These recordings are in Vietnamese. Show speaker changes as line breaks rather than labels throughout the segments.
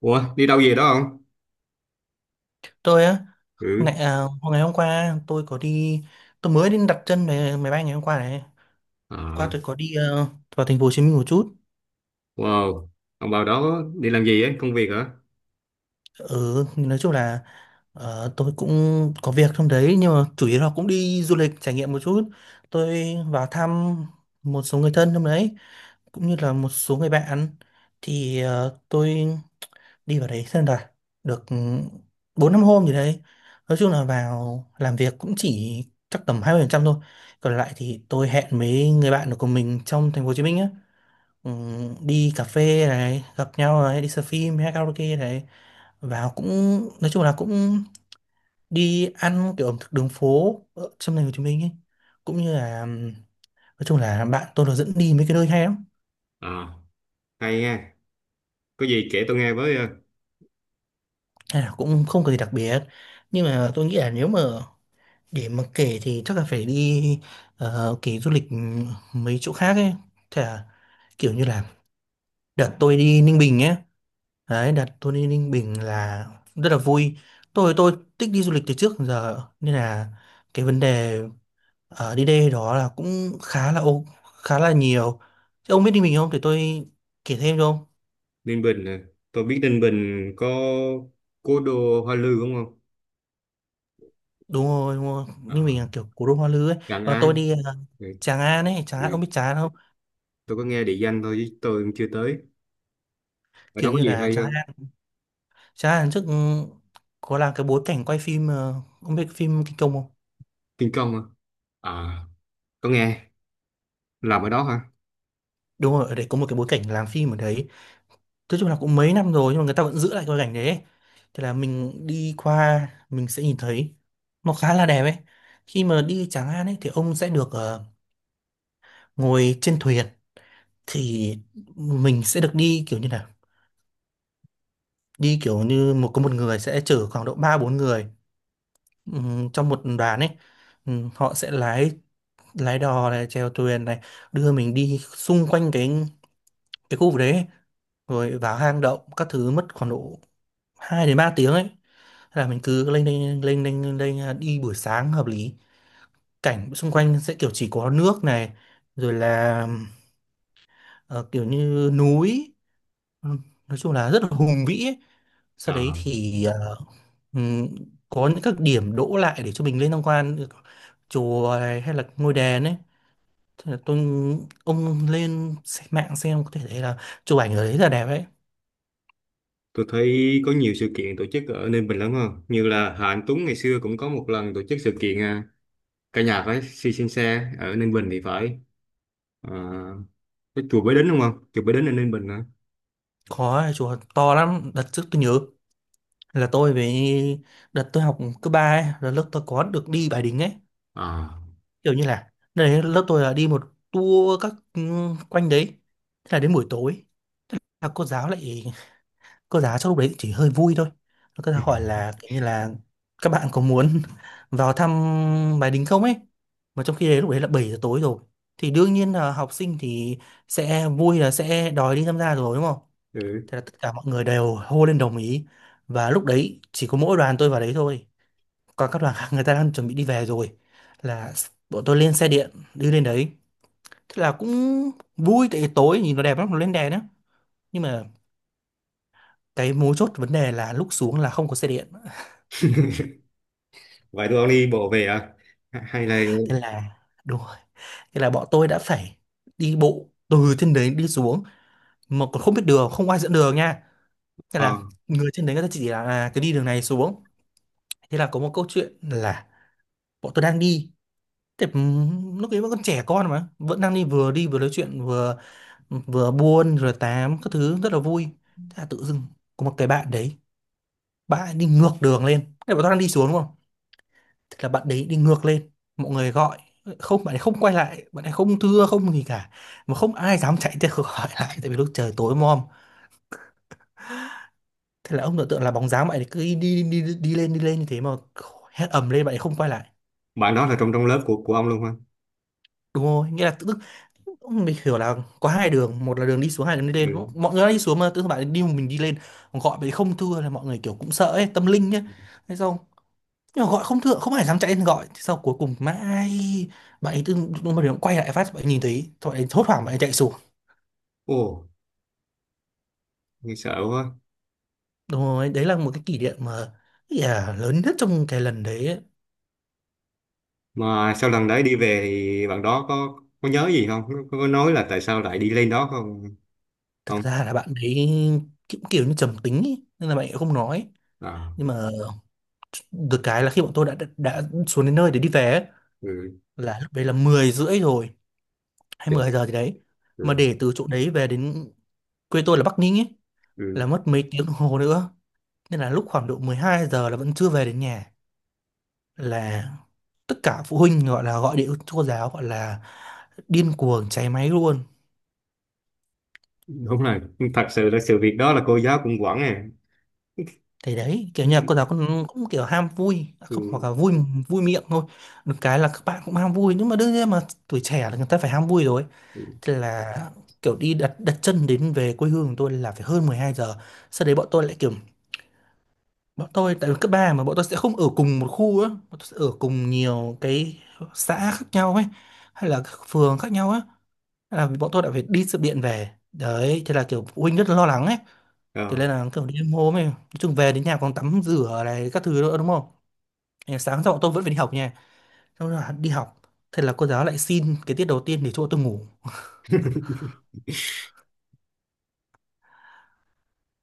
Ủa, đi đâu về đó không?
Tôi á.
Ừ.
ngày, à, Ngày hôm qua tôi có đi. Tôi mới đi đặt chân về máy bay ngày hôm qua này. Qua
À,
tôi có đi vào thành phố Hồ Chí Minh một chút.
wow. Ông vào đó đi làm gì ấy? Công việc hả?
Ừ, nói chung là tôi cũng có việc trong đấy, nhưng mà chủ yếu là cũng đi du lịch trải nghiệm một chút. Tôi vào thăm một số người thân trong đấy, cũng như là một số người bạn. Thì tôi đi vào đấy xem rồi được bốn năm hôm gì đấy. Nói chung là vào làm việc cũng chỉ chắc tầm 20% thôi, còn lại thì tôi hẹn mấy người bạn của mình trong thành phố Hồ Chí Minh á. Ừ, đi cà phê này, gặp nhau này, đi xem phim hay karaoke này. Vào cũng nói chung là cũng đi ăn kiểu ẩm thực đường phố ở trong thành phố Hồ Chí Minh ấy, cũng như là nói chung là bạn tôi nó dẫn đi mấy cái nơi hay lắm.
À, hay nha. Có gì kể tôi nghe với. Ờ,
Hay là cũng không có gì đặc biệt, nhưng mà tôi nghĩ là nếu mà để mà kể thì chắc là phải đi kể du lịch mấy chỗ khác ấy. Thế là kiểu như là đợt tôi đi Ninh Bình nhé. Đấy, đợt tôi đi Ninh Bình là rất là vui. Tôi thích đi du lịch từ trước đến giờ, nên là cái vấn đề ở đi đây đó là cũng khá là nhiều. Thế ông biết Ninh Bình không? Để tôi kể thêm cho ông.
Ninh Bình nè. Tôi biết Ninh Bình có cố đô Hoa Lư đúng không?
Đúng rồi, đúng rồi.
À,
Ninh Bình là kiểu cố đô Hoa Lư ấy.
Gần
Ờ, tôi
An.
đi
Ừ,
Tràng An ấy, Tràng An, ông
ừ.
biết Tràng An không?
Tôi có nghe địa danh thôi chứ tôi cũng chưa tới. Ở đó
Kiểu
có
như
gì
là
hay
Tràng
không?
An. Chà, lần trước có là cái bối cảnh quay phim ông biết phim Kinh Công không?
Tiên công hả? À, có nghe. Làm ở đó hả?
Đúng rồi, ở đấy có một cái bối cảnh làm phim ở đấy. Nói chung là cũng mấy năm rồi nhưng mà người ta vẫn giữ lại cái bối cảnh đấy ấy. Thế là mình đi qua mình sẽ nhìn thấy nó khá là đẹp ấy. Khi mà đi Tràng An ấy thì ông sẽ được ngồi trên thuyền, thì mình sẽ được đi kiểu như là đi kiểu như một có một người sẽ chở khoảng độ 3 4 người trong một đoàn ấy. Họ sẽ lái lái đò này, chèo thuyền này, đưa mình đi xung quanh cái khu vực đấy ấy, rồi vào hang động các thứ mất khoảng độ 2 đến 3 tiếng ấy. Thế là mình cứ lên lên lên lên lên, lên à, đi buổi sáng hợp lý, cảnh xung quanh sẽ kiểu chỉ có nước này, rồi là ờ, kiểu như núi. Ừ, nói chung là rất là hùng vĩ ấy. Sau đấy
À,
thì ừm, có những các điểm đỗ lại để cho mình lên tham quan chùa này hay là ngôi đền ấy. Thế là tôi ông mạng xem có thể thấy là chụp ảnh ở đấy là đẹp ấy.
tôi thấy có nhiều sự kiện tổ chức ở Ninh Bình lắm không? Như là Hà Anh Tuấn ngày xưa cũng có một lần tổ chức sự kiện. Cả nhà phải si xem xe ở Ninh Bình thì phải. Ờ, cái chùa Bái Đính đúng không, chùa Bái Đính ở Ninh Bình hả?
Có chùa to lắm, đợt trước tôi nhớ là tôi với đợt tôi học cấp ba ấy là lớp tôi có được đi Bái Đính ấy.
À,
Kiểu như là đấy lớp tôi là đi một tour các quanh đấy. Thế là đến buổi tối là cô giáo lại, cô giáo trong lúc đấy chỉ hơi vui thôi, cô giáo hỏi là kiểu như là các bạn có muốn vào thăm Bái Đính không ấy, mà trong khi đấy lúc đấy là 7 giờ tối rồi. Thì đương nhiên là học sinh thì sẽ vui là sẽ đòi đi tham gia rồi, đúng không?
ừ.
Thế là tất cả mọi người đều hô lên đồng ý, và lúc đấy chỉ có mỗi đoàn tôi vào đấy thôi, còn các đoàn khác người ta đang chuẩn bị đi về rồi. Là bọn tôi lên xe điện đi lên đấy. Thế là cũng vui, tại vì tối nhìn nó đẹp lắm, nó lên đèn á. Nhưng mà cái mấu chốt vấn đề là lúc xuống là không có xe điện.
Vậy tụi ông đi bộ về à? Hay là.
Thế là đúng rồi. Thế là bọn tôi đã phải đi bộ từ trên đấy đi xuống, mà còn không biết đường, không ai dẫn đường nha. Nên
ờ,
là người trên đấy người ta chỉ là à, cái đi đường này xuống. Thế là có một câu chuyện là bọn tôi đang đi. Thế lúc ấy vẫn còn trẻ con mà vẫn đang đi, vừa đi vừa nói chuyện, vừa vừa buôn rồi tám các thứ rất là vui. Thế là tự dưng có một cái bạn đấy, bạn ấy đi ngược đường lên. Thế bọn tôi đang đi xuống đúng không? Thế là bạn đấy đi ngược lên. Mọi người gọi không, bạn ấy không quay lại, bạn ấy không thưa không gì cả, mà không ai dám chạy theo khỏi lại tại vì lúc trời tối mòm. Thế là ông tưởng tượng là bóng dáng bạn ấy cứ đi, đi, đi, đi lên như thế, mà hét ầm lên bạn ấy không quay lại.
Bạn đó là trong trong lớp của ông luôn hả?
Đúng rồi, nghĩa là tự dưng ông mình hiểu là có hai đường, một là đường đi xuống, hai là đường đi
Ừ.
lên. Mọi người đã đi xuống mà tự dưng bạn ấy đi một mình đi lên. Còn gọi bạn ấy không thưa là mọi người kiểu cũng sợ ấy, tâm linh nhá. Thế xong, nhưng mà gọi không thưa, không ai dám chạy lên gọi. Thế sau cuối cùng mãi, bạn ấy tự dưng lúc mà quay lại phát, bạn ấy nhìn thấy, thôi bạn ấy hốt hoảng bạn ấy chạy xuống.
Ồ, nghe sợ quá.
Đúng rồi, đấy là một cái kỷ niệm mà yeah, lớn nhất trong cái lần đấy ấy.
Mà sau lần đấy đi về thì bạn đó có nhớ gì không? Có nói là tại sao lại đi lên đó không?
Thực
Không.
ra là bạn ấy cũng kiểu như trầm tính ý, nên là bạn ấy không nói.
À,
Nhưng mà được cái là khi bọn tôi đã xuống đến nơi để đi về ấy,
ừ.
là lúc đấy là 10 rưỡi rồi hay
Để-
10 giờ gì đấy. Mà
ừ.
để từ chỗ đấy về đến quê tôi là Bắc Ninh ấy là
Ừ.
mất mấy tiếng đồng hồ nữa, nên là lúc khoảng độ 12 giờ là vẫn chưa về đến nhà. Là tất cả phụ huynh gọi là gọi điện cho cô giáo, gọi là điên cuồng cháy máy luôn.
Đúng là thật sự là sự việc đó là cô giáo cũng quản à.
Thì đấy, kiểu
Ừ.
như là cô giáo cũng kiểu ham vui, à không, hoặc
Ừ.
là vui vui miệng thôi. Được cái là các bạn cũng ham vui, nhưng mà đương nhiên mà tuổi trẻ là người ta phải ham vui rồi.
Ừ.
Thế là kiểu đi đặt đặt chân đến về quê hương của tôi là phải hơn 12 giờ. Sau đấy bọn tôi lại kiểu bọn tôi tại vì cấp 3 mà bọn tôi sẽ không ở cùng một khu á, bọn tôi sẽ ở cùng nhiều cái xã khác nhau ấy, hay là các phường khác nhau á. Thế là bọn tôi đã phải đi sự điện về. Đấy, thế là kiểu phụ huynh rất là lo lắng ấy. Thế
Ờ.
nên là kiểu đi hôm ấy, nói chung về đến nhà còn tắm rửa này các thứ nữa đúng không? Ngày sáng xong tôi vẫn phải đi học nha, xong rồi đi học, thế là cô giáo lại xin cái tiết đầu tiên để cho tôi ngủ.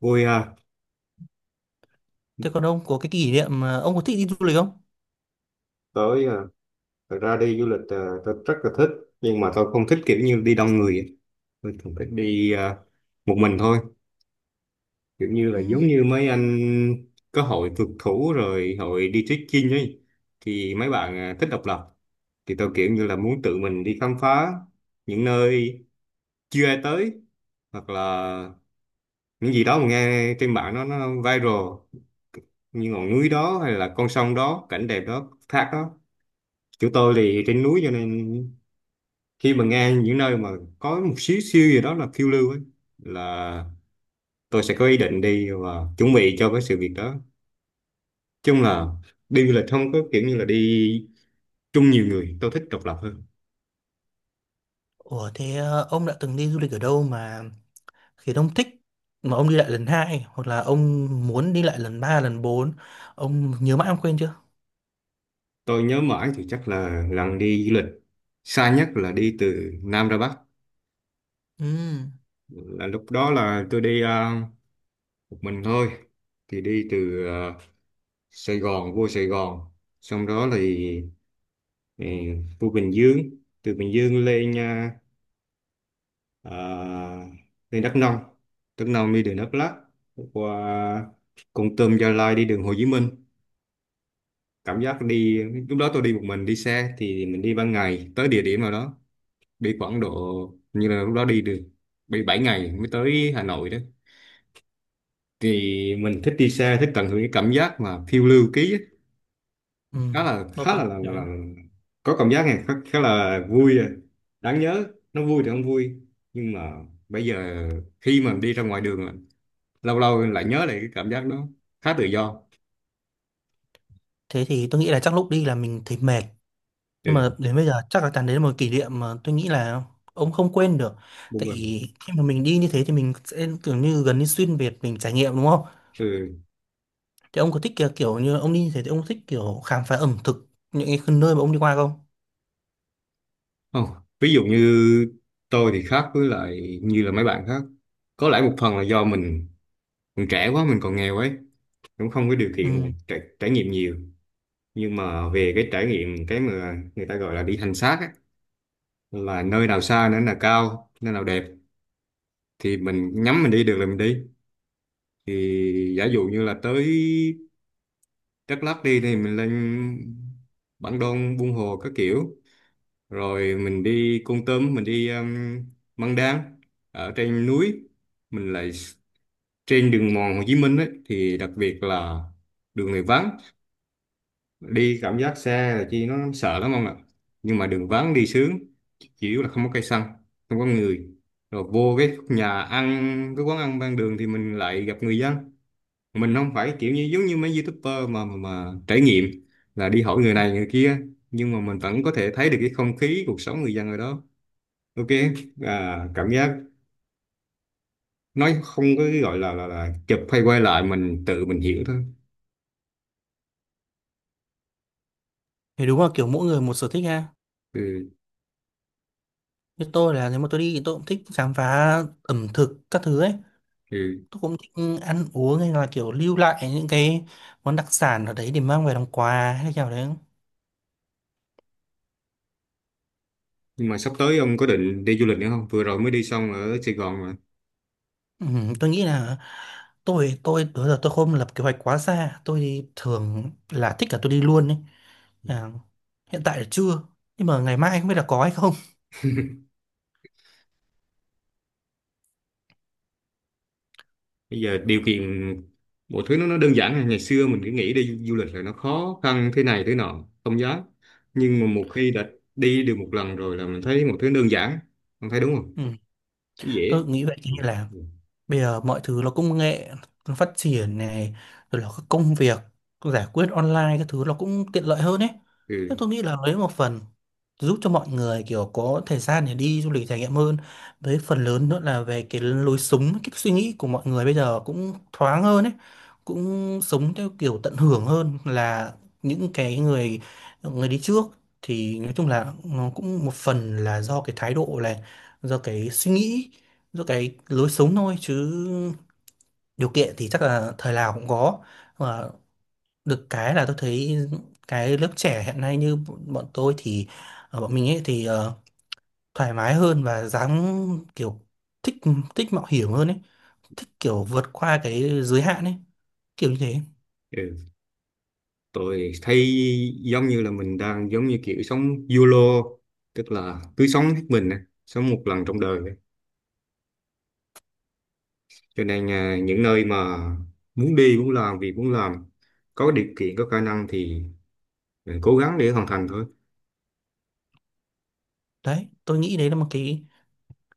Vui ha.
Thế còn ông có cái kỷ niệm mà ông có thích đi du lịch không?
Tới à, thật ra đi du lịch à, tôi rất là thích. Nhưng mà tôi không thích kiểu như đi đông người ấy. Tôi thường thích đi, một mình thôi, kiểu như là
Ừ.
giống như mấy anh có hội phượt thủ rồi hội đi trekking ấy. Thì mấy bạn, thích độc lập, thì tôi kiểu như là muốn tự mình đi khám phá những nơi chưa ai tới, hoặc là những gì đó mà nghe trên mạng nó viral, như ngọn núi đó hay là con sông đó, cảnh đẹp đó, thác đó. Chỗ tôi thì trên núi, cho nên khi mà nghe những nơi mà có một xíu xíu gì đó là phiêu lưu ấy, là tôi sẽ có ý định đi và chuẩn bị cho cái sự việc đó. Chung là đi du lịch không có kiểu như là đi chung nhiều người, tôi thích độc lập hơn.
Ủa thế ông đã từng đi du lịch ở đâu mà khiến ông thích, mà ông đi lại lần hai, hoặc là ông muốn đi lại lần ba lần bốn, ông nhớ mãi ông quên chưa?
Tôi nhớ mãi thì chắc là lần đi du lịch xa nhất là đi từ Nam ra Bắc,
Ừ.
là lúc đó là tôi đi, một mình thôi, thì đi từ Sài Gòn, vô Sài Gòn, xong đó thì ừ, vô Bình Dương, từ Bình Dương lên à, đi Đắk Nông, Đắk Nông đi đường Đắk Lắk, qua Kon Tum, Gia Lai, đi đường Hồ Chí Minh. Cảm giác đi, lúc đó tôi đi một mình, đi xe thì mình đi ban ngày tới địa điểm nào đó, đi khoảng độ, như là lúc đó đi được bị 7 ngày mới tới Hà Nội đó. Thì mình thích đi xe, thích tận hưởng cái cảm giác mà phiêu lưu ký á.
Ừ,
khá là
tôi
khá
cũng
là, là,
thế.
là, là có cảm giác này khá là vui à. Đáng nhớ, nó vui thì không vui, nhưng mà bây giờ khi mà đi ra ngoài đường, lâu lâu lại nhớ lại cái cảm giác đó, khá tự do.
Thế thì tôi nghĩ là chắc lúc đi là mình thấy mệt. Nhưng mà
Ừ,
đến bây giờ chắc là Tàn đấy là một kỷ niệm mà tôi nghĩ là ông không quên được.
buông
Tại
mình.
khi mà mình đi như thế thì mình sẽ kiểu như gần như xuyên Việt mình trải nghiệm đúng không?
Ừ,
Thì ông có thích kiểu, kiểu như ông đi như thế thì ông có thích kiểu khám phá ẩm thực những cái nơi mà ông đi qua không?
không. Ví dụ như, tôi thì khác với lại như là mấy bạn khác, có lẽ một phần là do mình trẻ quá, mình còn nghèo ấy, cũng không có điều kiện mà
Ừ.
trải nghiệm nhiều. Nhưng mà về cái trải nghiệm cái mà người ta gọi là đi hành xác ấy, là nơi nào xa, nơi nào cao, nơi nào đẹp thì mình nhắm mình đi được là mình đi. Thì giả dụ như là tới Đắk Lắk đi, thì mình lên Bản Đôn, Buôn Hồ các kiểu, rồi mình đi Kon Tum, mình đi Măng Đan ở trên núi, mình lại trên đường mòn Hồ Chí Minh ấy, thì đặc biệt là đường này vắng, đi cảm giác xe là chi nó sợ lắm không ạ, nhưng mà đường vắng đi sướng, chỉ yếu là không có cây xăng, không có người. Rồi vô cái nhà ăn, cái quán ăn ven đường thì mình lại gặp người dân, mình không phải kiểu như giống như mấy YouTuber mà trải nghiệm là đi hỏi người này người kia, nhưng mà mình vẫn có thể thấy được cái không khí cuộc sống người dân ở đó. Ok, à, cảm giác nói không có cái gọi là chụp hay quay lại, mình tự mình hiểu thôi.
Thì đúng là kiểu mỗi người một sở thích ha.
Ừ,
Như tôi là nếu mà tôi đi thì tôi cũng thích khám phá ẩm thực các thứ ấy.
ừ.
Tôi cũng thích ăn uống hay là kiểu lưu lại những cái món đặc sản ở đấy để mang về làm quà hay là kiểu đấy.
Nhưng mà sắp tới ông có định đi du lịch nữa không, vừa rồi mới đi xong ở Sài Gòn mà.
Ừ, tôi nghĩ là tôi đó giờ tôi không lập kế hoạch quá xa, tôi thì thường là thích là tôi đi luôn ấy. À, hiện tại là chưa, nhưng mà ngày mai không biết là có hay không.
Bây giờ điều kiện mọi thứ nó đơn giản rồi. Ngày xưa mình cứ nghĩ đi du lịch là nó khó khăn thế này thế nọ không dám, nhưng mà một khi đã đi được một lần rồi là mình thấy mọi thứ đơn giản, ông thấy đúng không?
Ừ,
Dễ.
tôi nghĩ vậy. Như
Ừ.
là bây giờ mọi thứ nó công nghệ, nó phát triển này, rồi là các công việc giải quyết online các thứ nó cũng tiện lợi hơn ấy.
Ừ.
Thế tôi nghĩ là lấy một phần giúp cho mọi người kiểu có thời gian để đi du lịch trải nghiệm hơn, với phần lớn nữa là về cái lối sống, cái suy nghĩ của mọi người bây giờ cũng thoáng hơn ấy, cũng sống theo kiểu tận hưởng hơn là những cái người người đi trước. Thì nói chung là nó cũng một phần là do cái thái độ này, do cái suy nghĩ, do cái lối sống thôi, chứ điều kiện thì chắc là thời nào cũng có. Và được cái là tôi thấy cái lớp trẻ hiện nay như bọn tôi thì ở bọn mình ấy thì thoải mái hơn và dám kiểu thích, thích mạo hiểm hơn ấy, thích kiểu vượt qua cái giới hạn ấy, kiểu như thế.
Ừ. Tôi thấy giống như là mình đang giống như kiểu sống YOLO, tức là cứ sống hết mình á, sống một lần trong đời á. Cho nên à, những nơi mà muốn đi, muốn làm việc, muốn làm, có điều kiện có khả năng thì mình cố gắng để hoàn thành thôi.
Đấy, tôi nghĩ đấy là một cái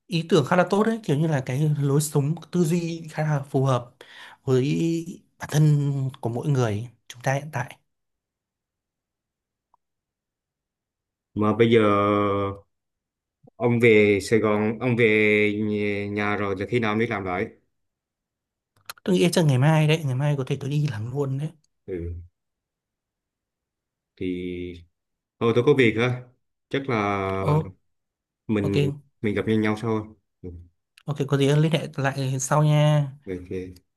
ý tưởng khá là tốt đấy, kiểu như là cái lối sống tư duy khá là phù hợp với bản thân của mỗi người chúng ta hiện tại.
Mà bây giờ ông về Sài Gòn, ông về nhà, rồi thì khi nào mới làm lại?
Tôi nghĩ chắc ngày mai đấy, ngày mai có thể tôi đi làm luôn đấy.
Ừ. Thì thôi tôi có việc á, chắc là
Ồ, ok.
mình mình gặp nhau nhau sau. Ừ.
Ok, có gì liên hệ lại sau nha.
Ok.